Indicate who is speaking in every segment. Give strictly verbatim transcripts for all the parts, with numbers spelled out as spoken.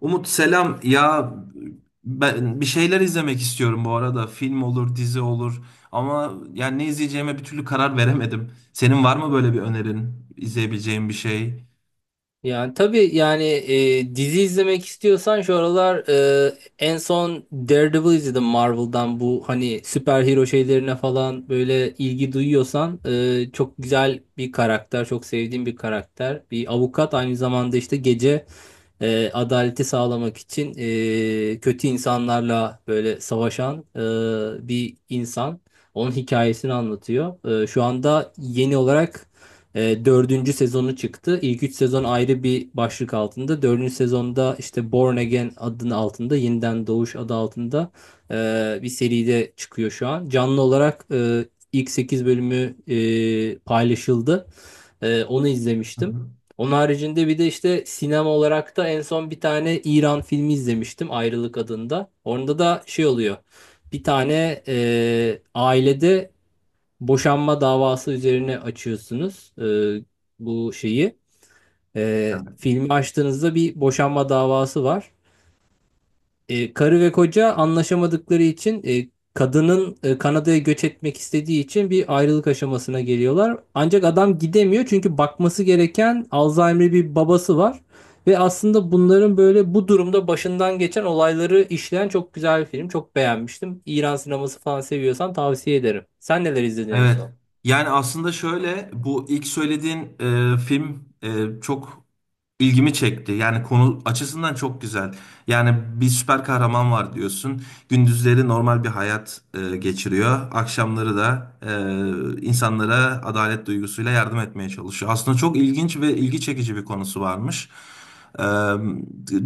Speaker 1: Umut selam. Ya ben bir şeyler izlemek istiyorum bu arada. Film olur, dizi olur. Ama yani ne izleyeceğime bir türlü karar veremedim. Senin var mı böyle bir önerin? İzleyebileceğim bir şey?
Speaker 2: Yani tabii yani e, dizi izlemek istiyorsan şu aralar e, en son Daredevil izledim Marvel'dan. Bu hani süper hero şeylerine falan böyle ilgi duyuyorsan e, çok güzel bir karakter, çok sevdiğim bir karakter, bir avukat. Aynı zamanda işte gece e, adaleti sağlamak için e, kötü insanlarla böyle savaşan e, bir insan. Onun hikayesini anlatıyor. E, şu anda yeni olarak e, dördüncü sezonu çıktı. İlk üç sezon ayrı bir başlık altında. Dördüncü sezonda işte Born Again adının altında, Yeniden Doğuş adı altında e, bir seride çıkıyor şu an. Canlı olarak e, ilk sekiz bölümü e, paylaşıldı. Ee, onu
Speaker 1: Hı
Speaker 2: izlemiştim.
Speaker 1: hı.
Speaker 2: Onun haricinde bir de işte sinema olarak da en son bir tane İran filmi izlemiştim, Ayrılık adında. Orada da şey oluyor. Bir tane e, ailede boşanma davası üzerine açıyorsunuz e, bu şeyi. E,
Speaker 1: Evet.
Speaker 2: filmi açtığınızda bir boşanma davası var. E, karı ve koca anlaşamadıkları için, e, kadının e, Kanada'ya göç etmek istediği için bir ayrılık aşamasına geliyorlar. Ancak adam gidemiyor çünkü bakması gereken Alzheimer'lı bir babası var. Ve aslında bunların böyle bu durumda başından geçen olayları işleyen çok güzel bir film. Çok beğenmiştim. İran sineması falan seviyorsan tavsiye ederim. Sen neler izledin en
Speaker 1: Evet.
Speaker 2: son?
Speaker 1: Yani aslında şöyle, bu ilk söylediğin e, film e, çok ilgimi çekti. Yani konu açısından çok güzel. Yani bir süper kahraman var diyorsun. Gündüzleri normal bir hayat e, geçiriyor. Akşamları da e, insanlara adalet duygusuyla yardım etmeye çalışıyor. Aslında çok ilginç ve ilgi çekici bir konusu varmış. E,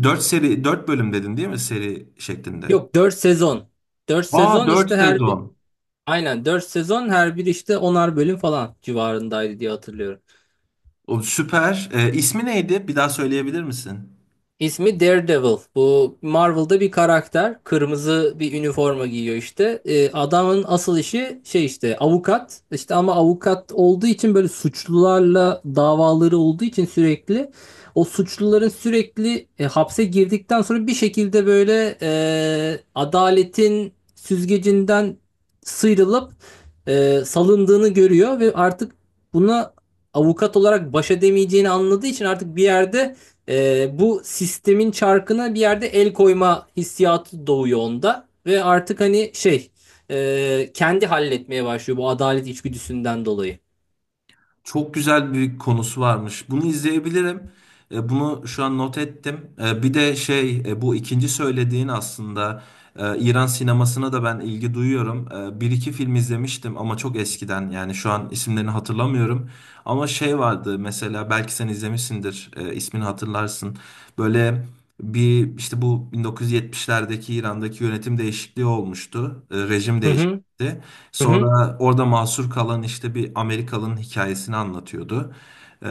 Speaker 1: dört seri, dört bölüm dedin değil mi, seri şeklinde?
Speaker 2: Yok, dört sezon. Dört
Speaker 1: Aa,
Speaker 2: sezon,
Speaker 1: dört
Speaker 2: işte her bir,
Speaker 1: sezon.
Speaker 2: aynen dört sezon, her bir işte onar bölüm falan civarındaydı diye hatırlıyorum.
Speaker 1: O süper. E, ismi neydi? Bir daha söyleyebilir misin?
Speaker 2: İsmi Daredevil. Bu Marvel'da bir karakter. Kırmızı bir üniforma giyiyor işte. Ee, adamın asıl işi şey işte, avukat. İşte ama avukat olduğu için, böyle suçlularla davaları olduğu için sürekli o suçluların sürekli e, hapse girdikten sonra bir şekilde böyle e, adaletin süzgecinden sıyrılıp e, salındığını görüyor ve artık buna avukat olarak baş edemeyeceğini anladığı için, artık bir yerde ee, bu sistemin çarkına bir yerde el koyma hissiyatı doğuyor onda. Ve artık hani şey, e, kendi halletmeye başlıyor bu adalet içgüdüsünden dolayı.
Speaker 1: Çok güzel bir konusu varmış. Bunu izleyebilirim. E, Bunu şu an not ettim. E, Bir de şey e, bu ikinci söylediğin aslında, e, İran sinemasına da ben ilgi duyuyorum. E, Bir iki film izlemiştim ama çok eskiden, yani şu an isimlerini hatırlamıyorum. Ama şey vardı, mesela belki sen izlemişsindir, e, ismini hatırlarsın. Böyle bir işte bu bin dokuz yüz yetmişlerdeki İran'daki yönetim değişikliği olmuştu. E, Rejim
Speaker 2: Hı hı,
Speaker 1: değişti.
Speaker 2: hı hı.
Speaker 1: Sonra orada mahsur kalan işte bir Amerikalı'nın hikayesini anlatıyordu. Ee,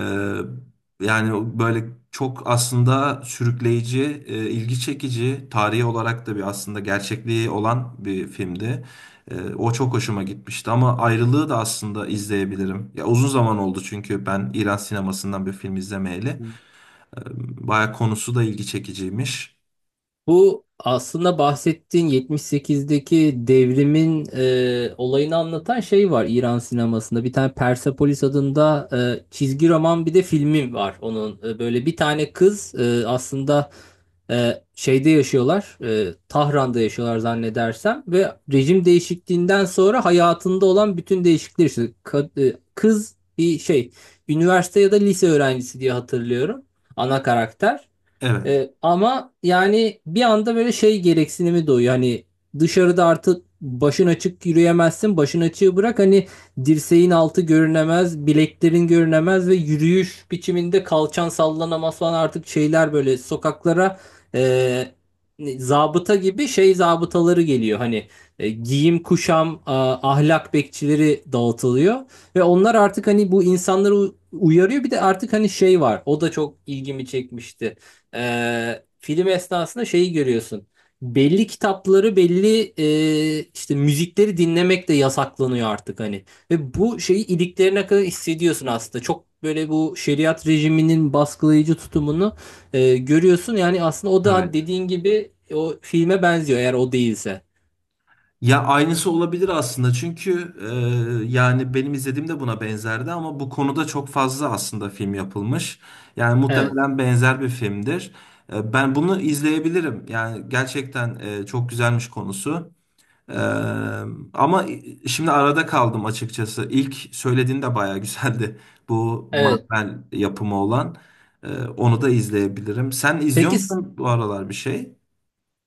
Speaker 1: yani böyle çok aslında sürükleyici, e, ilgi çekici, tarihi olarak da bir aslında gerçekliği olan bir filmdi. Ee, o çok hoşuma gitmişti ama ayrılığı da aslında izleyebilirim. Ya uzun zaman oldu çünkü ben İran sinemasından bir film izlemeyeli. Ee, Baya konusu da ilgi çekiciymiş.
Speaker 2: Bu aslında bahsettiğin yetmiş sekizdeki devrimin e, olayını anlatan şey var İran sinemasında. Bir tane Persepolis adında e, çizgi roman, bir de filmi var onun. E, böyle bir tane kız, e, aslında Ee, şeyde yaşıyorlar, e, Tahran'da yaşıyorlar zannedersem. Ve rejim değişikliğinden sonra hayatında olan bütün değişiklikler işte, Ka- e, kız bir şey, üniversite ya da lise öğrencisi diye hatırlıyorum ana karakter.
Speaker 1: Evet.
Speaker 2: E, ama yani bir anda böyle şey gereksinimi doğuyor. Hani dışarıda artık başın açık yürüyemezsin. Başın açığı bırak, hani dirseğin altı görünemez, bileklerin görünemez ve yürüyüş biçiminde kalçan sallanamaz falan, artık şeyler böyle sokaklara e, zabıta gibi şey zabıtaları geliyor. Hani e, giyim kuşam, a- ahlak bekçileri dağıtılıyor ve onlar artık hani bu insanları u- uyarıyor. Bir de artık hani şey var. O da çok ilgimi çekmişti. Ee, film esnasında şeyi görüyorsun. Belli kitapları, belli e, işte müzikleri dinlemek de yasaklanıyor artık hani. Ve bu şeyi iliklerine kadar hissediyorsun aslında. Çok böyle bu şeriat rejiminin baskılayıcı tutumunu e, görüyorsun. Yani aslında o da
Speaker 1: Evet.
Speaker 2: dediğin gibi o filme benziyor, eğer o değilse.
Speaker 1: Ya aynısı olabilir aslında, çünkü e, yani benim izlediğim de buna benzerdi ama bu konuda çok fazla aslında film yapılmış. Yani
Speaker 2: Evet.
Speaker 1: muhtemelen benzer bir filmdir. E, ben bunu izleyebilirim. Yani gerçekten e, çok güzelmiş konusu. E, ama şimdi arada kaldım açıkçası. İlk söylediğin de bayağı güzeldi. Bu
Speaker 2: Evet.
Speaker 1: Marvel yapımı olan. E, onu da izleyebilirim. Sen izliyor
Speaker 2: Peki.
Speaker 1: musun bu aralar bir şey?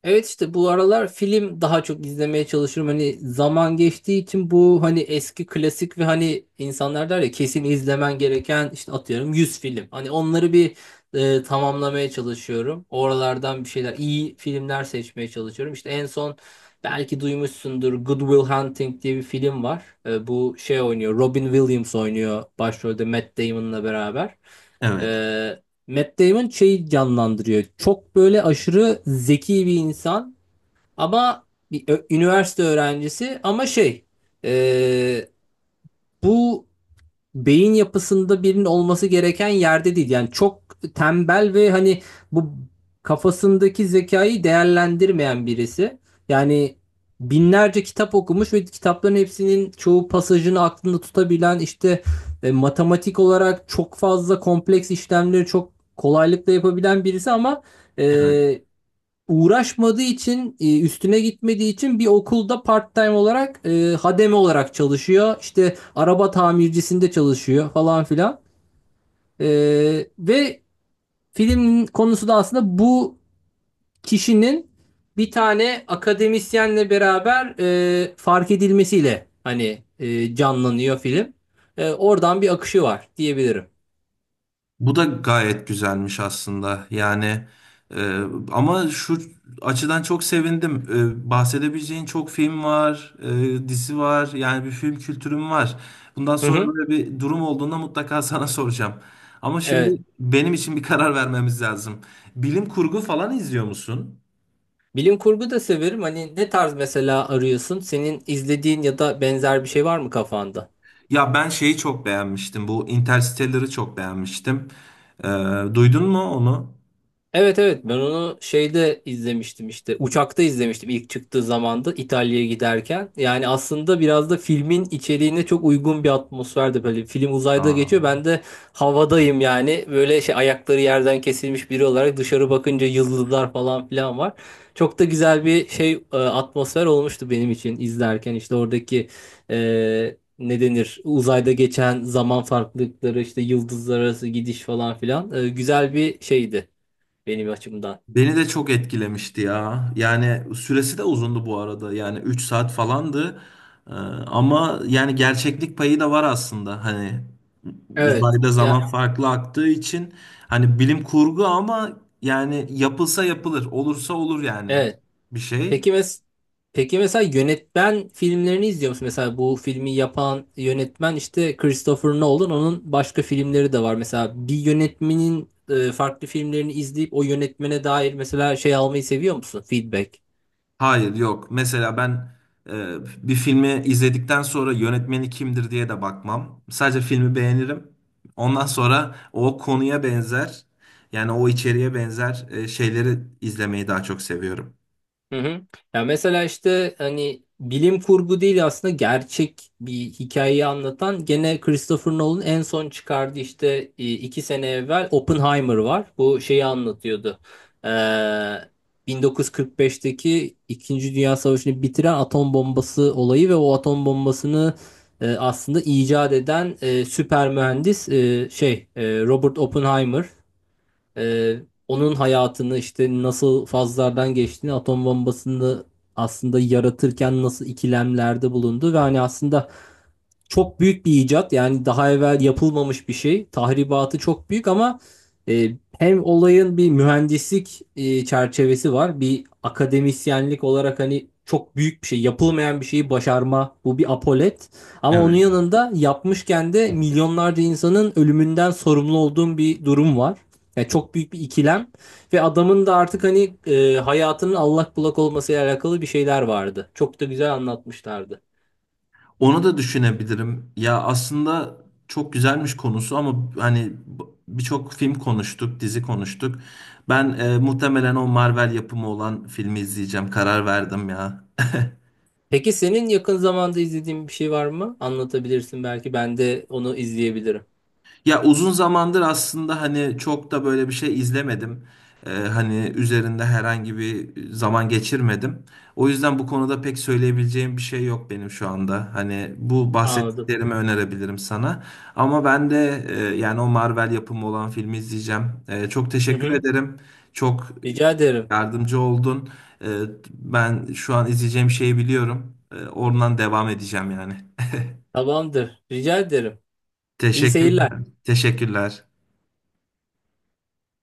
Speaker 2: Evet, işte bu aralar film daha çok izlemeye çalışıyorum. Hani zaman geçtiği için, bu hani eski klasik, ve hani insanlar der ya, kesin izlemen gereken işte atıyorum yüz film. Hani onları bir e, tamamlamaya çalışıyorum. Oralardan bir şeyler, iyi filmler seçmeye çalışıyorum. İşte en son, belki duymuşsundur, Good Will Hunting diye bir film var. E, bu şey oynuyor, Robin Williams oynuyor başrolde Matt Damon'la beraber.
Speaker 1: Evet.
Speaker 2: E, Matt Damon şeyi canlandırıyor. Çok böyle aşırı zeki bir insan ama bir ö- üniversite öğrencisi, ama şey, e, bu beyin yapısında birinin olması gereken yerde değil. Yani çok tembel ve hani bu kafasındaki zekayı değerlendirmeyen birisi. Yani binlerce kitap okumuş ve kitapların hepsinin çoğu pasajını aklında tutabilen, işte e, matematik olarak çok fazla kompleks işlemleri çok kolaylıkla yapabilen birisi. Ama
Speaker 1: Evet.
Speaker 2: e, uğraşmadığı için, e, üstüne gitmediği için bir okulda part-time olarak e, hademe olarak çalışıyor. İşte araba tamircisinde çalışıyor falan filan. E, ve filmin konusu da aslında bu kişinin bir tane akademisyenle beraber e, fark edilmesiyle hani e, canlanıyor film. E, oradan bir akışı var diyebilirim.
Speaker 1: Bu da gayet güzelmiş aslında. Yani e, ama şu açıdan çok sevindim. E, bahsedebileceğin çok film var, e, dizi var. Yani bir film kültürüm var. Bundan
Speaker 2: Hı
Speaker 1: sonra
Speaker 2: hı.
Speaker 1: böyle bir durum olduğunda mutlaka sana soracağım. Ama
Speaker 2: Evet.
Speaker 1: şimdi benim için bir karar vermemiz lazım. Bilim kurgu falan izliyor musun?
Speaker 2: Bilim kurgu da severim. Hani ne tarz mesela arıyorsun? Senin izlediğin ya da benzer bir şey var mı kafanda?
Speaker 1: Ya ben şeyi çok beğenmiştim. Bu Interstellar'ı çok beğenmiştim. E, duydun mu onu?
Speaker 2: Evet, evet, ben onu şeyde izlemiştim, işte uçakta izlemiştim ilk çıktığı zamanda, İtalya'ya giderken. Yani aslında biraz da filmin içeriğine çok uygun bir atmosferde, böyle film uzayda geçiyor,
Speaker 1: Aa.
Speaker 2: ben de havadayım. Yani böyle şey, ayakları yerden kesilmiş biri olarak dışarı bakınca yıldızlar falan filan var. Çok da güzel bir şey, e, atmosfer olmuştu benim için izlerken. İşte oradaki e, ne denir, uzayda geçen zaman farklılıkları, işte yıldızlar arası gidiş falan filan, e, güzel bir şeydi benim açımdan.
Speaker 1: Beni de çok etkilemişti ya. Yani süresi de uzundu bu arada. Yani üç saat falandı. Ee, ama yani gerçeklik payı da var aslında. Hani
Speaker 2: Evet.
Speaker 1: uzayda zaman
Speaker 2: Ya
Speaker 1: farklı aktığı için, hani bilim kurgu ama yani yapılsa yapılır, olursa olur yani
Speaker 2: evet.
Speaker 1: bir şey.
Speaker 2: Peki mes Peki mesela yönetmen filmlerini izliyor musun? Mesela bu filmi yapan yönetmen işte Christopher Nolan. Onun başka filmleri de var. Mesela bir yönetmenin e, farklı filmlerini izleyip o yönetmene dair mesela şey almayı seviyor musun? Feedback.
Speaker 1: Hayır, yok. Mesela ben e, bir filmi izledikten sonra yönetmeni kimdir diye de bakmam. Sadece filmi beğenirim. Ondan sonra o konuya benzer, yani o içeriğe benzer e, şeyleri izlemeyi daha çok seviyorum.
Speaker 2: Hı hı. Ya mesela işte hani bilim kurgu değil, aslında gerçek bir hikayeyi anlatan, gene Christopher Nolan en son çıkardı işte e, iki sene evvel, Oppenheimer var. Bu şeyi anlatıyordu. Ee, bin dokuz yüz kırk beşteki İkinci Dünya Savaşı'nı bitiren atom bombası olayı ve o atom bombasını e, aslında icat eden e, süper mühendis, e, şey e, Robert Oppenheimer. Ee, onun hayatını, işte nasıl fazlardan geçtiğini, atom bombasını aslında yaratırken nasıl ikilemlerde bulundu ve hani aslında çok büyük bir icat. Yani daha evvel yapılmamış bir şey. Tahribatı çok büyük ama e, hem olayın bir mühendislik e, çerçevesi var. Bir akademisyenlik olarak hani çok büyük bir şey, yapılmayan bir şeyi başarma. Bu bir apolet. Ama onun
Speaker 1: Evet.
Speaker 2: yanında yapmışken de milyonlarca insanın ölümünden sorumlu olduğum bir durum var. Yani çok büyük bir ikilem. Ve adamın da artık hani e, hayatının allak bullak olmasıyla alakalı bir şeyler vardı. Çok da güzel anlatmışlardı.
Speaker 1: Onu da düşünebilirim. Ya aslında çok güzelmiş konusu ama hani b- birçok film konuştuk, dizi konuştuk. Ben e, muhtemelen o Marvel yapımı olan filmi izleyeceğim. Karar verdim ya.
Speaker 2: Peki senin yakın zamanda izlediğin bir şey var mı? Anlatabilirsin, belki ben de onu izleyebilirim.
Speaker 1: Ya uzun zamandır aslında hani çok da böyle bir şey izlemedim. Ee, hani üzerinde herhangi bir zaman geçirmedim. O yüzden bu konuda pek söyleyebileceğim bir şey yok benim şu anda. Hani bu
Speaker 2: Anladım.
Speaker 1: bahsettiklerimi önerebilirim sana. Ama ben de e, yani o Marvel yapımı olan filmi izleyeceğim. E, çok
Speaker 2: Hı
Speaker 1: teşekkür
Speaker 2: hı.
Speaker 1: ederim. Çok
Speaker 2: Rica ederim.
Speaker 1: yardımcı oldun. E, ben şu an izleyeceğim şeyi biliyorum. E, oradan devam edeceğim yani.
Speaker 2: Tamamdır. Rica ederim. İyi seyirler.
Speaker 1: Teşekkürler. Teşekkürler.